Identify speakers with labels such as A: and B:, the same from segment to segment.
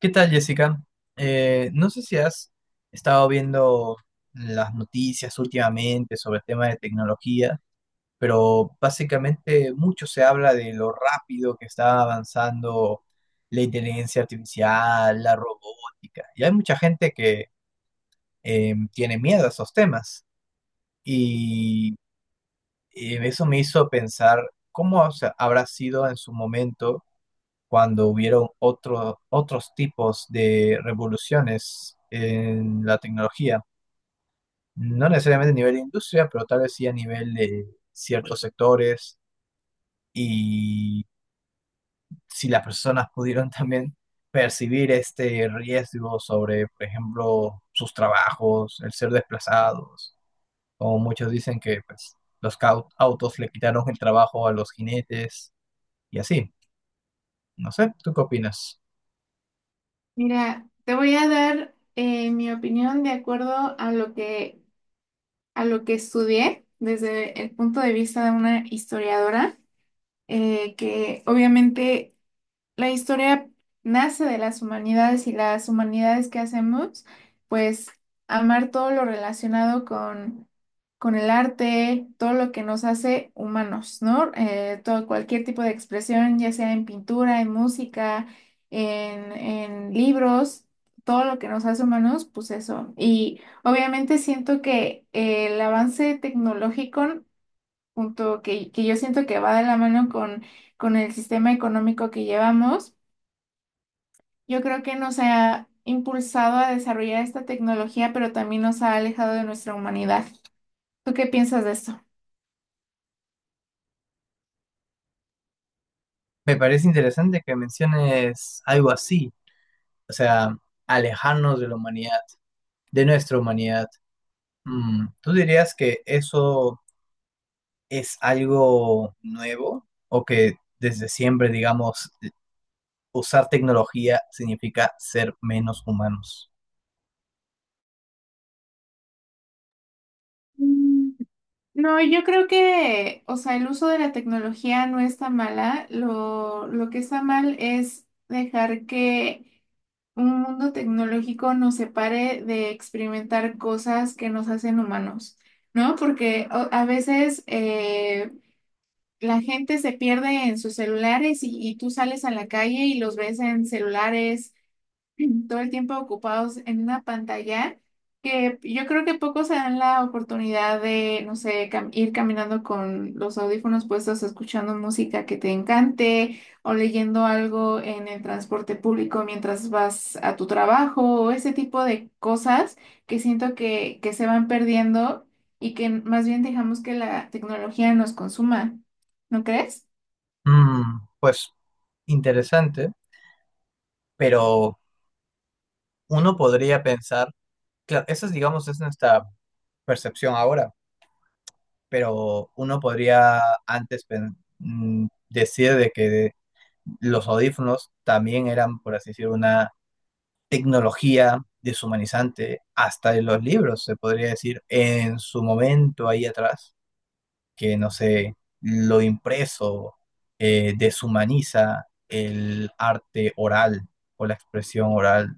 A: ¿Qué tal, Jessica? No sé si has estado viendo las noticias últimamente sobre el tema de tecnología, pero básicamente mucho se habla de lo rápido que está avanzando la inteligencia artificial, la robótica, y hay mucha gente que tiene miedo a esos temas. Y eso me hizo pensar cómo, o sea, habrá sido en su momento cuando hubieron otros tipos de revoluciones en la tecnología, no necesariamente a nivel de industria, pero tal vez sí a nivel de ciertos sectores, y si las personas pudieron también percibir este riesgo sobre, por ejemplo, sus trabajos, el ser desplazados, como muchos dicen que, pues, los autos le quitaron el trabajo a los jinetes y así. No sé, ¿tú qué opinas?
B: Mira, te voy a dar mi opinión de acuerdo a lo que estudié desde el punto de vista de una historiadora, que obviamente la historia nace de las humanidades y las humanidades que hacemos, pues amar todo lo relacionado con el arte, todo lo que nos hace humanos, ¿no? Todo, cualquier tipo de expresión, ya sea en pintura, en música, en libros, todo lo que nos hace humanos, pues eso. Y obviamente siento que el avance tecnológico, junto que yo siento que va de la mano con el sistema económico que llevamos, yo creo que nos ha impulsado a desarrollar esta tecnología, pero también nos ha alejado de nuestra humanidad. ¿Tú qué piensas de esto?
A: Me parece interesante que menciones algo así, o sea, alejarnos de la humanidad, de nuestra humanidad. Mm, ¿tú dirías que eso es algo nuevo o que desde siempre, digamos, usar tecnología significa ser menos humanos?
B: Mm, no, yo creo que, o sea, el uso de la tecnología no está mala. Lo que está mal es dejar que un mundo tecnológico nos separe de experimentar cosas que nos hacen humanos, ¿no? Porque a veces, la gente se pierde en sus celulares y tú sales a la calle y los ves en celulares, todo el tiempo ocupados en una pantalla que yo creo que pocos se dan la oportunidad de, no sé, ir caminando con los audífonos puestos, escuchando música que te encante o leyendo algo en el transporte público mientras vas a tu trabajo o ese tipo de cosas que siento que se van perdiendo y que más bien dejamos que la tecnología nos consuma, ¿no crees?
A: Mm, pues interesante, pero uno podría pensar, claro, esa es, digamos, es nuestra percepción ahora. Pero uno podría antes decir de que los audífonos también eran, por así decir, una tecnología deshumanizante, hasta en los libros, se podría decir, en su momento ahí atrás, que no sé, lo impreso deshumaniza el arte oral o la expresión oral.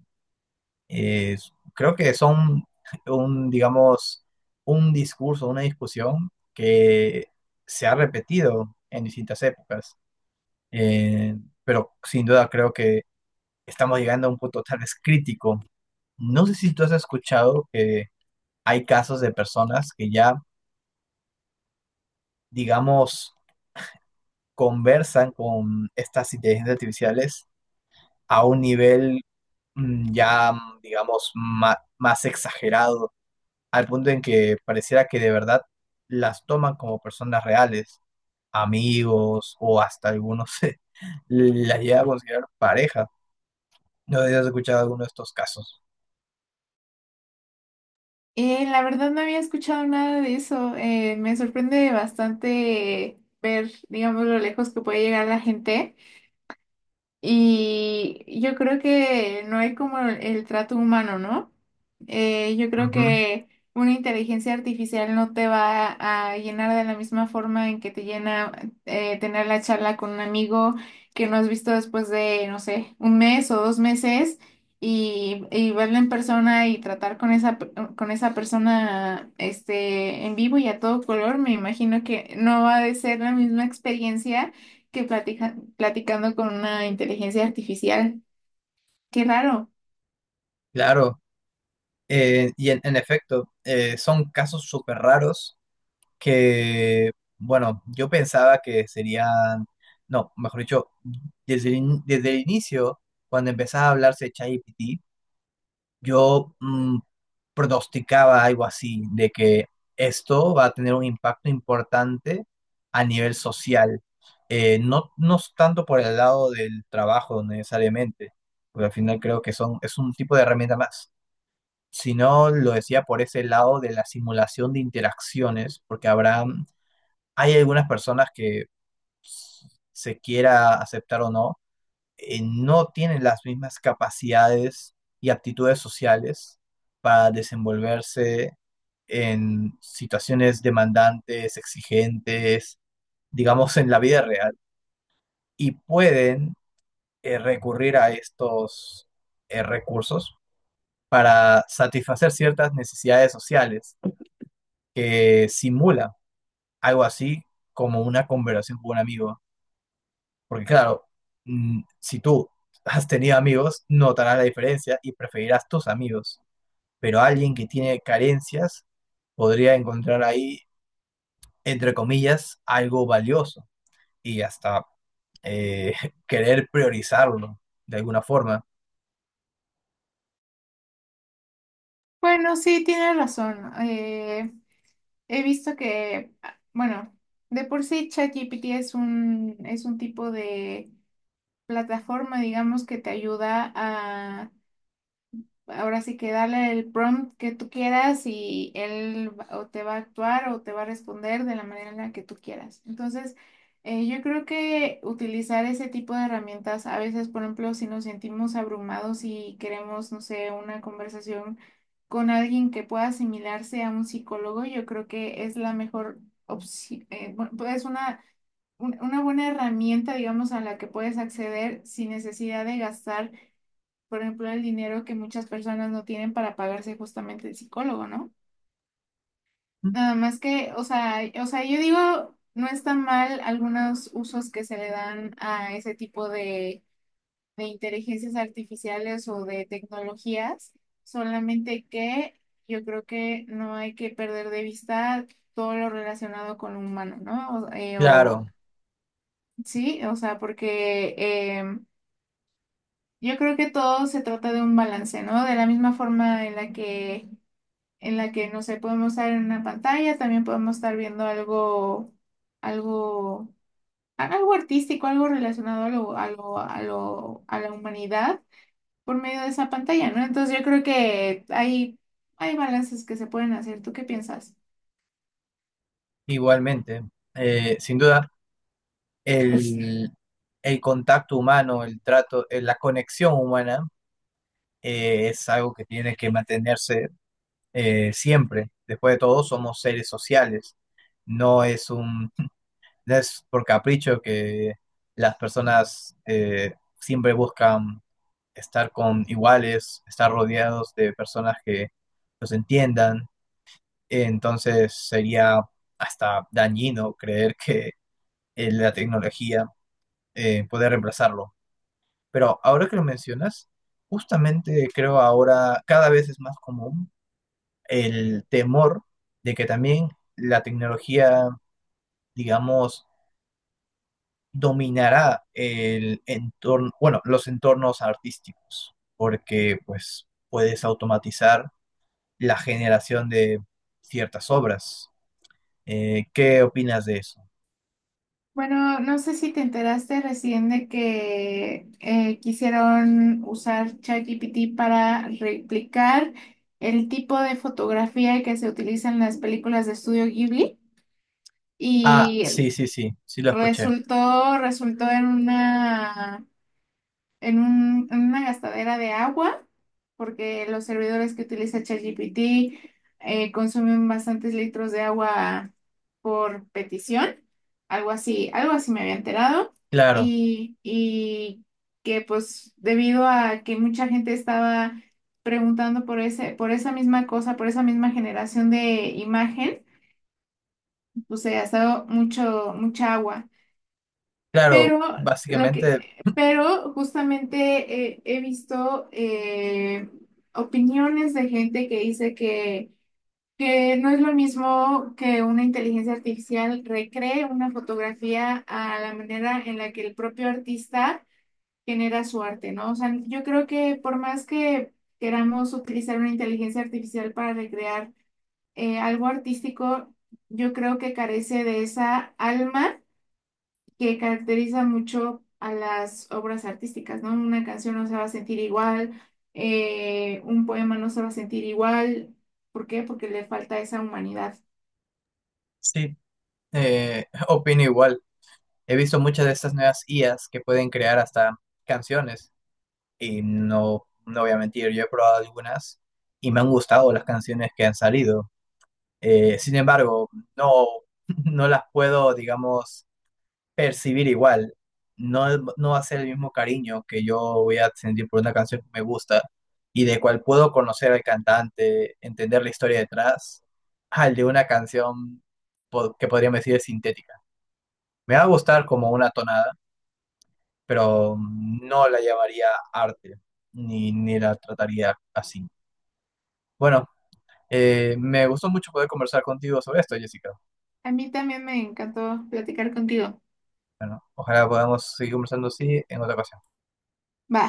A: eh, Creo que son un, digamos, un discurso, una discusión que se ha repetido en distintas épocas. Eh, pero sin duda creo que estamos llegando a un punto tal vez crítico. No sé si tú has escuchado que hay casos de personas que ya, digamos, conversan con estas inteligencias artificiales a un nivel, mm, ya, digamos, más exagerado, al punto en que pareciera que de verdad las toman como personas reales, amigos, o hasta algunos se las llega a considerar pareja. No sé si has escuchado alguno de estos casos.
B: La verdad no había escuchado nada de eso. Me sorprende bastante ver, digamos, lo lejos que puede llegar la gente. Y yo creo que no hay como el trato humano, ¿no? Yo creo
A: Ujú.
B: que una inteligencia artificial no te va a llenar de la misma forma en que te llena tener la charla con un amigo que no has visto después de, no sé, un mes o dos meses y verlo en persona y tratar con esa, con esa persona este, en vivo y a todo color. Me imagino que no va a ser la misma experiencia que platicando con una inteligencia artificial. Qué raro.
A: Claro, y en efecto, son casos súper raros que, bueno, yo pensaba que serían, no, mejor dicho, desde desde el inicio, cuando empezaba a hablarse de ChatGPT, yo, pronosticaba algo así, de que esto va a tener un impacto importante a nivel social. No, no es tanto por el lado del trabajo necesariamente, porque al final creo que son, es un tipo de herramienta más, sino lo decía por ese lado de la simulación de interacciones, porque habrá, hay algunas personas que, se quiera aceptar o no, no tienen las mismas capacidades y aptitudes sociales para desenvolverse en situaciones demandantes, exigentes, digamos en la vida real, y pueden recurrir a estos recursos para satisfacer ciertas necesidades sociales que simula algo así como una conversación con un amigo. Porque claro, mm, si tú has tenido amigos, notarás la diferencia y preferirás tus amigos. Pero alguien que tiene carencias podría encontrar ahí, entre comillas, algo valioso y hasta eh, querer priorizarlo de alguna forma.
B: Bueno, sí, tienes razón. He visto que, ah, bueno, de por sí ChatGPT es un tipo de plataforma, digamos, que te ayuda ahora sí que dale el prompt que tú quieras y o te va a actuar o te va a responder de la manera en la que tú quieras. Entonces, yo creo que utilizar ese tipo de herramientas, a veces, por ejemplo, si nos sentimos abrumados y queremos, no sé, una conversación con alguien que pueda asimilarse a un psicólogo, yo creo que es la mejor opción, es una, una buena herramienta, digamos, a la que puedes acceder sin necesidad de gastar por ejemplo, el dinero que muchas personas no tienen para pagarse justamente el psicólogo, ¿no? Nada más que, yo digo, no está mal algunos usos que se le dan a ese tipo de inteligencias artificiales o de tecnologías, solamente que yo creo que no hay que perder de vista todo lo relacionado con lo humano, ¿no? O,
A: Claro,
B: sí, o sea, porque em, yo creo que todo se trata de un balance, ¿no? De la misma forma en la que no sé, podemos estar en una pantalla, también podemos estar viendo algo, algo, algo artístico, algo relacionado a a la humanidad por medio de esa pantalla, ¿no? Entonces yo creo que hay balances que se pueden hacer. ¿Tú qué piensas?
A: igualmente, sin duda, el, el contacto humano, el trato, la conexión humana es algo que tiene que mantenerse siempre. Después de todo, somos seres sociales. No es un, no es por capricho que las personas siempre buscan estar con iguales, estar rodeados de personas que los entiendan. Entonces sería hasta dañino creer que la tecnología puede reemplazarlo. Pero ahora que lo mencionas, justamente creo ahora cada vez es más común el temor de que también la tecnología, digamos, dominará el entorno, bueno, los entornos artísticos, porque pues puedes automatizar la generación de ciertas obras. ¿Qué opinas de eso?
B: Bueno, no sé si te enteraste recién de que quisieron usar ChatGPT para replicar el tipo de fotografía que se utiliza en las películas de estudio Ghibli.
A: Ah,
B: Y
A: sí, sí, sí, sí lo escuché.
B: resultó en una, en una gastadera de agua, porque los servidores que utiliza ChatGPT consumen bastantes litros de agua por petición, algo así me había enterado,
A: Claro,
B: y que pues debido a que mucha gente estaba preguntando por por esa misma cosa, por esa misma generación de imagen, pues se gastó mucha agua.
A: claro,
B: Pero lo que,
A: básicamente
B: pero justamente he visto opiniones de gente que dice que no es lo mismo que una inteligencia artificial recree una fotografía a la manera en la que el propio artista genera su arte, ¿no? O sea, yo creo que por más que queramos utilizar una inteligencia artificial para recrear algo artístico, yo creo que carece de esa alma que caracteriza mucho a las obras artísticas, ¿no? Una canción no se va a sentir igual, un poema no se va a sentir igual. ¿Por qué? Porque le falta esa humanidad.
A: sí, opino igual. He visto muchas de estas nuevas IAs que pueden crear hasta canciones. Y no, no voy a mentir, yo he probado algunas y me han gustado las canciones que han salido. Sin embargo, no, no las puedo, digamos, percibir igual. No, no va a ser el mismo cariño que yo voy a sentir por una canción que me gusta y de cual puedo conocer al cantante, entender la historia detrás, al de una canción que podríamos decir es sintética. Me va a gustar como una tonada, pero no la llamaría arte, ni, ni la trataría así. Bueno, me gustó mucho poder conversar contigo sobre esto, Jessica.
B: A mí también me encantó platicar contigo.
A: Bueno, ojalá podamos seguir conversando así en otra ocasión.
B: Va.